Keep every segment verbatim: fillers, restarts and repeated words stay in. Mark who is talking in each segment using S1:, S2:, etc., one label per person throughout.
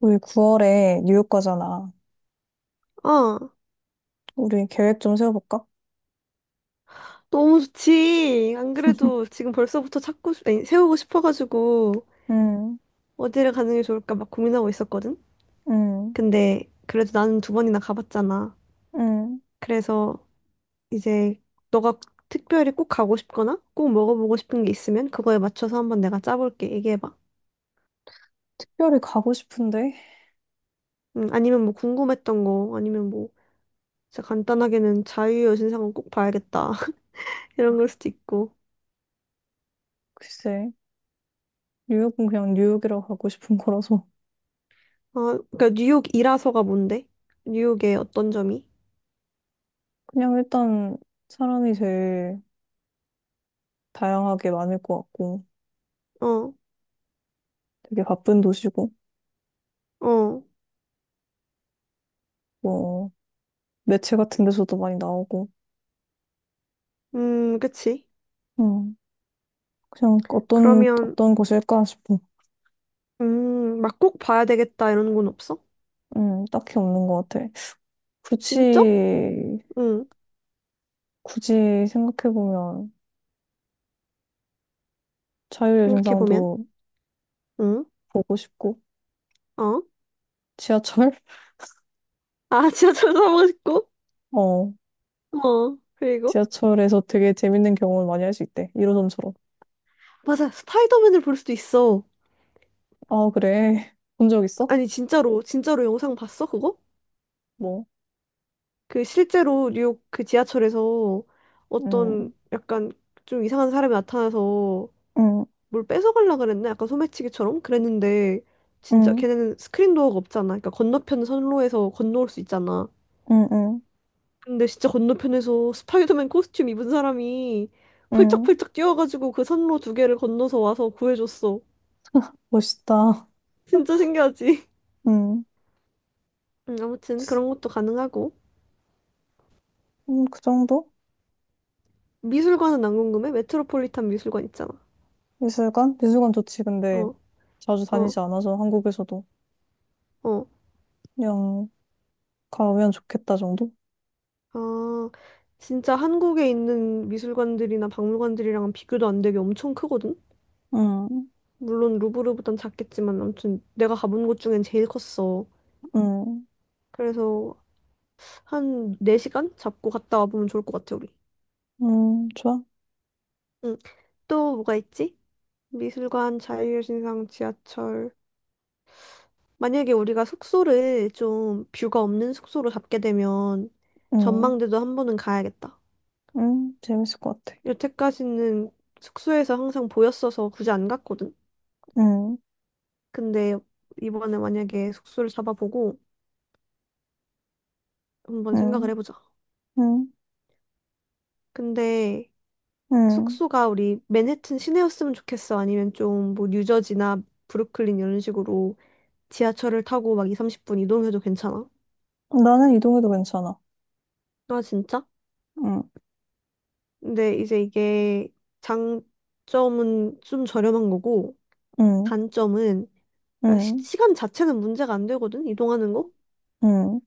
S1: 우리 구월에 뉴욕 가잖아.
S2: 아,
S1: 우리 계획 좀 세워볼까?
S2: 너무 좋지. 안 그래도 지금 벌써부터 찾고, 싶- 아니, 세우고 싶어가지고
S1: 응,
S2: 어디를 가는 게 좋을까 막 고민하고 있었거든.
S1: 응,
S2: 근데 그래도 나는 두 번이나 가봤잖아.
S1: 응.
S2: 그래서 이제 너가 특별히 꼭 가고 싶거나 꼭 먹어보고 싶은 게 있으면 그거에 맞춰서 한번 내가 짜볼게. 얘기해봐.
S1: 특별히 가고 싶은데?
S2: 음, 아니면 뭐 궁금했던 거, 아니면 뭐 진짜 간단하게는 자유여신상은 꼭 봐야겠다. 이런 걸 수도 있고.
S1: 글쎄, 뉴욕은 그냥 뉴욕이라고 가고 싶은 거라서.
S2: 아, 그러니까 뉴욕이라서가 뭔데? 뉴욕의 어떤 점이?
S1: 그냥 일단 사람이 제일 다양하게 많을 것 같고,
S2: 어,
S1: 되게 바쁜 도시고,
S2: 어.
S1: 뭐, 매체 같은 데서도 많이 나오고,
S2: 음, 그치.
S1: 응. 그냥 어떤,
S2: 그러면,
S1: 어떤 곳일까 싶어.
S2: 음, 막 꼭 봐야 되겠다 이런 건 없어?
S1: 응, 딱히 없는 것 같아.
S2: 진짜?
S1: 굳이,
S2: 응,
S1: 굳이 생각해보면 자유의
S2: 생각해보면.
S1: 신상도
S2: 응,
S1: 보고 싶고,
S2: 어?
S1: 지하철?
S2: 아, 지하철아보고 싶고?
S1: 어.
S2: 어, 그리고?
S1: 지하철에서 되게 재밌는 경험을 많이 할 수 있대. 일 호선처럼.
S2: 맞아, 스파이더맨을 볼 수도 있어.
S1: 아, 그래. 본 적 있어?
S2: 아니, 진짜로, 진짜로 영상 봤어, 그거?
S1: 뭐.
S2: 그 실제로 뉴욕 그 지하철에서 어떤
S1: 응,
S2: 약간 좀 이상한 사람이 나타나서
S1: 응,
S2: 뭘 뺏어가려고 그랬나? 약간 소매치기처럼? 그랬는데, 진짜
S1: 응,
S2: 걔네는 스크린 도어가 없잖아. 그러니까 건너편 선로에서 건너올 수 있잖아.
S1: 응, 응,
S2: 근데 진짜 건너편에서 스파이더맨 코스튬 입은 사람이
S1: 응,
S2: 펄쩍펄쩍 뛰어가지고 그 선로 두 개를 건너서 와서 구해줬어.
S1: 멋있다.
S2: 진짜 신기하지?
S1: 음.
S2: 음, 아무튼 그런 것도 가능하고.
S1: 음, 그 정도?
S2: 미술관은 안 궁금해? 메트로폴리탄 미술관 있잖아.
S1: 미술관? 미술관 좋지. 근데
S2: 어,
S1: 자주
S2: 어,
S1: 다니지 않아서 한국에서도
S2: 어.
S1: 그냥 가면 좋겠다 정도?
S2: 아, 진짜 한국에 있는 미술관들이나 박물관들이랑은 비교도 안 되게 엄청 크거든?
S1: 응,
S2: 물론 루브르보단 작겠지만 아무튼 내가 가본 곳 중엔 제일 컸어.
S1: 응,
S2: 그래서 한 네 시간 잡고 갔다 와보면 좋을 것 같아, 우리.
S1: 음, 좋아.
S2: 응. 또 뭐가 있지? 미술관, 자유여신상, 지하철. 만약에 우리가 숙소를 좀 뷰가 없는 숙소로 잡게 되면
S1: 응,
S2: 전망대도 한 번은 가야겠다.
S1: 응, 재밌을 것 같아.
S2: 여태까지는 숙소에서 항상 보였어서 굳이 안 갔거든.
S1: 응,
S2: 근데 이번에 만약에 숙소를 잡아보고 한번 생각을
S1: 응,
S2: 해보자.
S1: 응,
S2: 근데
S1: 응,
S2: 숙소가 우리 맨해튼 시내였으면 좋겠어. 아니면 좀 뭐 뉴저지나 브루클린 이런 식으로 지하철을 타고 막 이, 삼십 분 이동해도 괜찮아?
S1: 나는 이동해도 괜찮아.
S2: 아, 진짜?
S1: 응.
S2: 근데 이제 이게 장점은 좀 저렴한 거고
S1: 음.
S2: 단점은 그러니까 시,
S1: 응,
S2: 시간 자체는 문제가 안 되거든 이동하는 거.
S1: 응,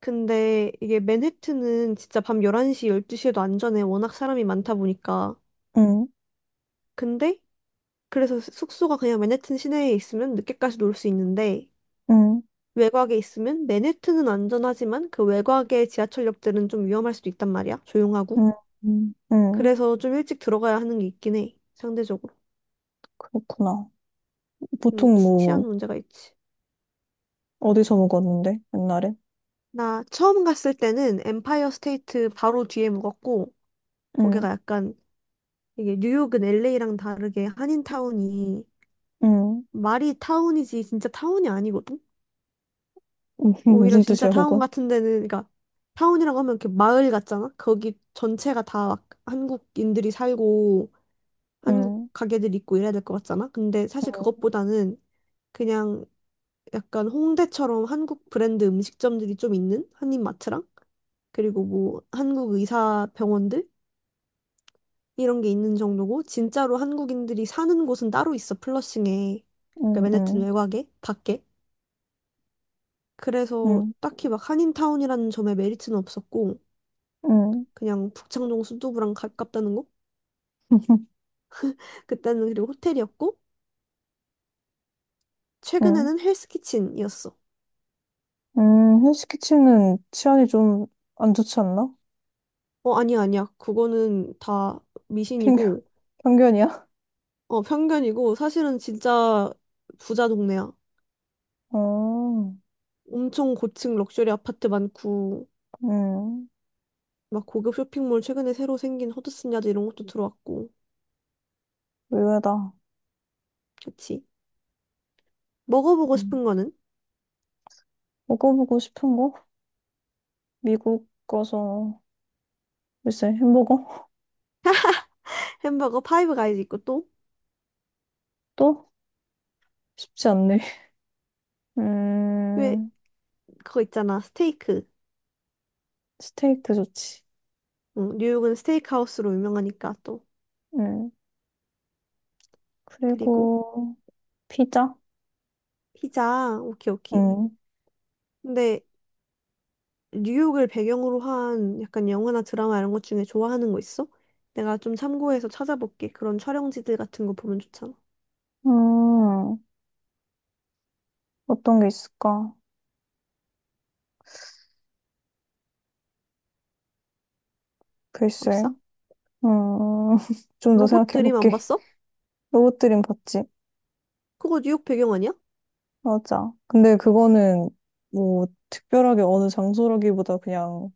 S2: 근데 이게 맨해튼은 진짜 밤 열한 시, 열두 시에도 안전해. 워낙 사람이 많다 보니까.
S1: 응,
S2: 근데 그래서 숙소가 그냥 맨해튼 시내에 있으면 늦게까지 놀 수 있는데
S1: 응,
S2: 외곽에 있으면 맨해튼은 안전하지만 그 외곽의 지하철역들은 좀 위험할 수도 있단 말이야. 조용하고.
S1: 응, 응, 응.
S2: 그래서 좀 일찍 들어가야 하는 게 있긴 해. 상대적으로.
S1: 그렇구나.
S2: 음,
S1: 보통
S2: 치안
S1: 뭐,
S2: 문제가 있지.
S1: 어디서 먹었는데, 옛날에?
S2: 나 처음 갔을 때는 엠파이어 스테이트 바로 뒤에 묵었고,
S1: 응,
S2: 거기가 약간, 이게 뉴욕은 엘에이랑 다르게 한인타운이
S1: 응.
S2: 말이 타운이지 진짜 타운이 아니거든? 오히려
S1: 무슨
S2: 진짜
S1: 뜻이야,
S2: 타운
S1: 그건?
S2: 같은 데는, 그러니까 타운이라고 하면 이렇게 마을 같잖아? 거기 전체가 다 막 한국인들이 살고 한국
S1: 응,
S2: 가게들 있고 이래야 될 것 같잖아? 근데 사실 그것보다는 그냥 약간 홍대처럼 한국 브랜드 음식점들이 좀 있는 한인마트랑 그리고 뭐 한국 의사 병원들? 이런 게 있는 정도고 진짜로 한국인들이 사는 곳은 따로 있어 플러싱에 그
S1: 응,
S2: 맨해튼
S1: 응,
S2: 외곽에 밖에 그래서
S1: 응,
S2: 딱히 막 한인타운이라는 점에 메리트는 없었고
S1: 응,
S2: 그냥 북창동 순두부랑 가깝다는 거 그때는 그리고 호텔이었고
S1: 응.
S2: 최근에는 헬스키친이었어.
S1: 음, 헬스키친은 치안이 좀 안 좋지 않나?
S2: 어, 아니야 아니야 그거는 다
S1: 편견,
S2: 미신이고
S1: 편견이야?
S2: 어, 편견이고 사실은 진짜 부자 동네야.
S1: 어,
S2: 엄청 고층 럭셔리 아파트 많고
S1: 음,
S2: 막 고급 쇼핑몰 최근에 새로 생긴 허드슨 야드 이런 것도 들어왔고
S1: 의외다.
S2: 그치. 먹어보고
S1: 음.
S2: 싶은 거는
S1: 먹어보고 싶은 거? 미국 가서, 글쎄, 햄버거?
S2: 햄버거 파이브 가이즈 있고 또
S1: 또? 쉽지 않네.
S2: 왜
S1: 음,
S2: 그거 있잖아 스테이크.
S1: 스테이크 좋지.
S2: 응, 뉴욕은 스테이크하우스로 유명하니까 또
S1: 음,
S2: 그리고
S1: 그리고 피자?
S2: 피자 오케이 오케이.
S1: 음,
S2: 근데 뉴욕을 배경으로 한 약간 영화나 드라마 이런 것 중에 좋아하는 거 있어? 내가 좀 참고해서 찾아볼게. 그런 촬영지들 같은 거 보면 좋잖아.
S1: 음, 어떤 게 있을까? 글쎄.
S2: 없어?
S1: 음, 좀 더
S2: 로봇
S1: 생각해
S2: 드림 안
S1: 볼게.
S2: 봤어?
S1: 로봇드림 봤지?
S2: 그거 뉴욕 배경 아니야?
S1: 맞아. 근데 그거는 뭐 특별하게 어느 장소라기보다 그냥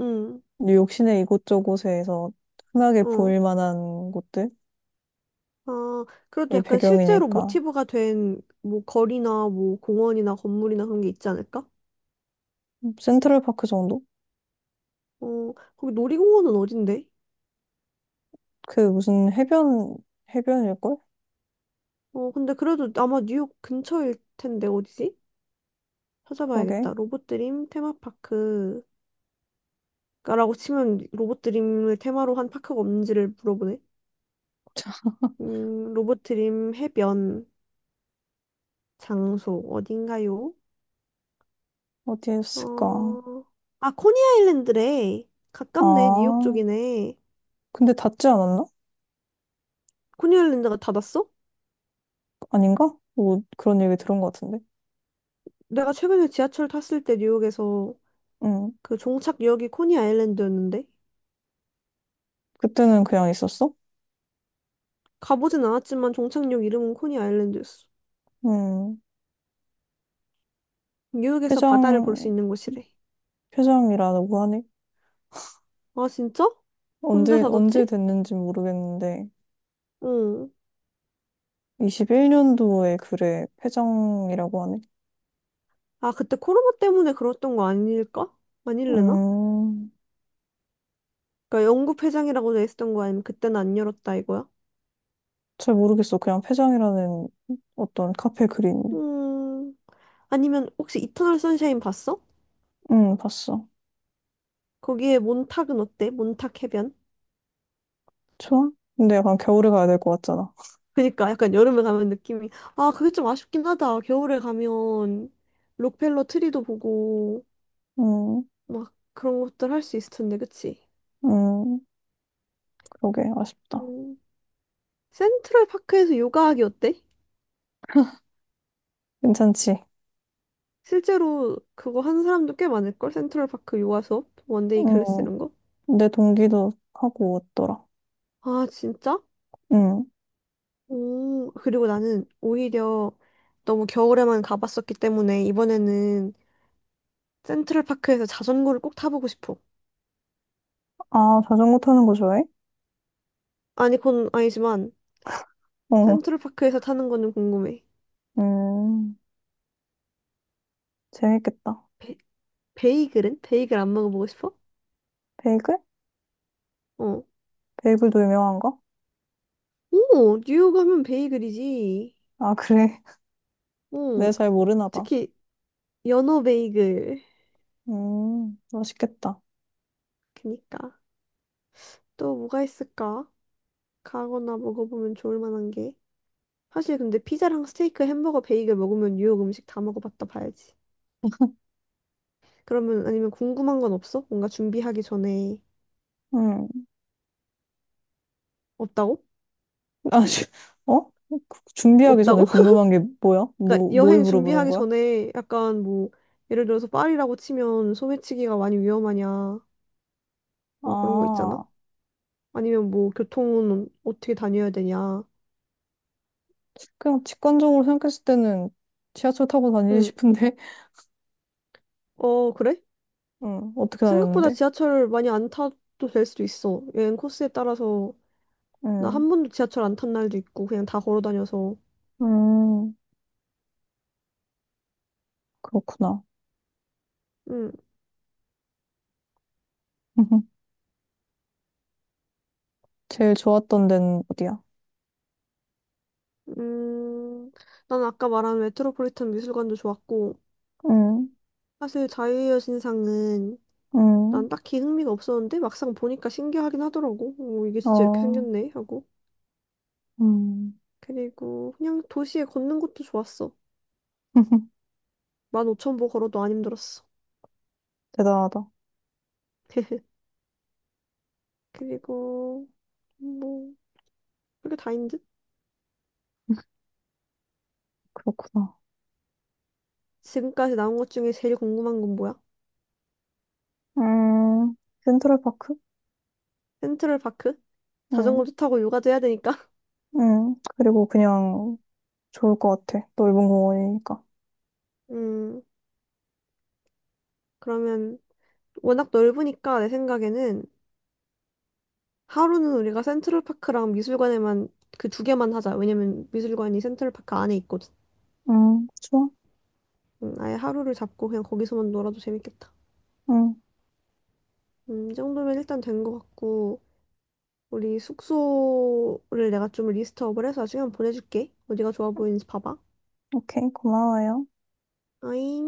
S2: 응,
S1: 뉴욕 시내 이곳저곳에서 흔하게
S2: 어.
S1: 보일 만한 곳들이
S2: 아, 그래도 약간 실제로
S1: 배경이니까.
S2: 모티브가 된 뭐 거리나 뭐 공원이나 건물이나 그런 게 있지 않을까?
S1: 센트럴파크 정도?
S2: 어, 거기 놀이공원은 어딘데?
S1: 그 무슨 해변, 해변일걸?
S2: 어, 근데 그래도 아마 뉴욕 근처일 텐데 어디지?
S1: 그러게.
S2: 찾아봐야겠다. 로봇드림 테마파크라고 치면 로봇드림을 테마로 한 파크가 없는지를 물어보네. 음, 로봇드림 해변 장소 어딘가요?
S1: 어디였을까?
S2: 어, 아, 코니아일랜드래.
S1: 아,
S2: 가깝네. 뉴욕 쪽이네.
S1: 근데 닿지 않았나?
S2: 코니아일랜드가 닫았어?
S1: 아닌가? 뭐 그런 얘기 들은 것 같은데.
S2: 내가 최근에 지하철 탔을 때 뉴욕에서
S1: 응.
S2: 그 종착역이 코니아일랜드였는데?
S1: 그때는 그냥 있었어?
S2: 가보진 않았지만 종착역 이름은 코니 아일랜드였어.
S1: 응.
S2: 뉴욕에서 바다를 볼 수
S1: 폐장,
S2: 있는 곳이래.
S1: 폐장이라고 하네.
S2: 아, 진짜? 혼자
S1: 언제, 언제
S2: 살았지?
S1: 됐는지 모르겠는데.
S2: 응.
S1: 이십일 년도에 글에 폐장이라고 하네.
S2: 아, 그때 코로나 때문에 그랬던 거 아닐까? 아닐래나?
S1: 음,
S2: 그러니까 영국 회장이라고 돼 있었던 거 아니면 그때는 안 열었다 이거야?
S1: 잘 모르겠어. 그냥 폐장이라는 어떤 카페 글이네.
S2: 음. 아니면 혹시 이터널 선샤인 봤어?
S1: 응, 봤어.
S2: 거기에 몬탁은 어때? 몬탁 해변?
S1: 좋아? 근데 약간 겨울에 가야 될 것 같잖아.
S2: 그니까 약간 여름에 가면 느낌이 아, 그게 좀 아쉽긴 하다. 겨울에 가면 록펠러 트리도 보고
S1: 음,
S2: 막 그런 것들 할 수 있을 텐데, 그치?
S1: 음, 그러게, 아쉽다.
S2: 음. 센트럴 파크에서 요가하기 어때?
S1: 괜찮지?
S2: 실제로 그거 하는 사람도 꽤 많을걸? 센트럴 파크 요가 수업? 원데이
S1: 음.
S2: 클래스 이런 거?
S1: 내 동기도 하고 왔더라.
S2: 아, 진짜?
S1: 응.
S2: 오, 그리고 나는 오히려 너무 겨울에만 가봤었기 때문에 이번에는 센트럴 파크에서 자전거를 꼭 타보고 싶어.
S1: 아, 자전거 타는 거 좋아해?
S2: 아니, 그건 아니지만
S1: 어.
S2: 센트럴 파크에서 타는 거는 궁금해.
S1: 음, 재밌겠다.
S2: 베, 베이글은? 베이글 안 먹어보고 싶어?
S1: 베이글?
S2: 어.
S1: 베이글도 유명한가?
S2: 오, 뉴욕 하면 베이글이지.
S1: 아, 그래.
S2: 어,
S1: 내가 잘 모르나 봐.
S2: 특히 연어 베이글.
S1: 음, 맛있겠다.
S2: 그니까. 또 뭐가 있을까? 가거나 먹어보면 좋을 만한 게. 사실 근데 피자랑 스테이크, 햄버거, 베이글 먹으면 뉴욕 음식 다 먹어봤다 봐야지. 그러면 아니면 궁금한 건 없어? 뭔가 준비하기 전에
S1: 음.
S2: 없다고?
S1: 아, 씨, 어? 준비하기 전에
S2: 없다고?
S1: 궁금한 게 뭐야?
S2: 그러니까
S1: 뭐, 뭘
S2: 여행
S1: 물어보는
S2: 준비하기
S1: 거야?
S2: 전에 약간 뭐 예를 들어서 파리라고 치면 소매치기가 많이 위험하냐 뭐 그런 거 있잖아?
S1: 아,
S2: 아니면 뭐 교통은 어떻게 다녀야 되냐?
S1: 그냥 직관적으로 생각했을 때는 지하철 타고 다니지
S2: 응.
S1: 싶은데,
S2: 어, 그래?
S1: 응, 어떻게
S2: 생각보다
S1: 다녔는데?
S2: 지하철 많이 안 타도 될 수도 있어. 여행 코스에 따라서 나
S1: 응,
S2: 한 번도 지하철 안 탄 날도 있고 그냥 다 걸어 다녀서.
S1: 음, 그렇구나.
S2: 음,
S1: 제일 좋았던 데는 어디야?
S2: 음, 난 아까 말한 메트로폴리탄 미술관도 좋았고
S1: 응.
S2: 사실 자유의 여신상은
S1: 음,
S2: 난 딱히 흥미가 없었는데 막상 보니까 신기하긴 하더라고. 오, 이게 진짜 이렇게
S1: 어,
S2: 생겼네 하고.
S1: 음.
S2: 그리고 그냥 도시에 걷는 것도 좋았어. 만 오천 보 걸어도 안 힘들었어.
S1: 대단하다.
S2: 그리고 뭐 그게 다인 듯?
S1: 그렇구나.
S2: 지금까지 나온 것 중에 제일 궁금한 건 뭐야?
S1: 음, 센트럴파크?
S2: 센트럴 파크?
S1: 음,
S2: 자전거도 타고 요가도 해야 되니까.
S1: 음. 그리고 그냥 좋을 것 같아. 넓은 공원이니까.
S2: 음, 그러면 워낙 넓으니까 내 생각에는 하루는 우리가 센트럴파크랑 미술관에만 그 두 개만 하자. 왜냐면 미술관이 센트럴파크 안에 있거든.
S1: 음, 좋아.
S2: 음, 아예 하루를 잡고 그냥 거기서만 놀아도 재밌겠다.
S1: 음,
S2: 음, 이 정도면 일단 된 것 같고 우리 숙소를 내가 좀 리스트업을 해서 시간 보내줄게. 어디가 좋아 보이는지 봐봐.
S1: 오케이. 고마워요.
S2: 아잉.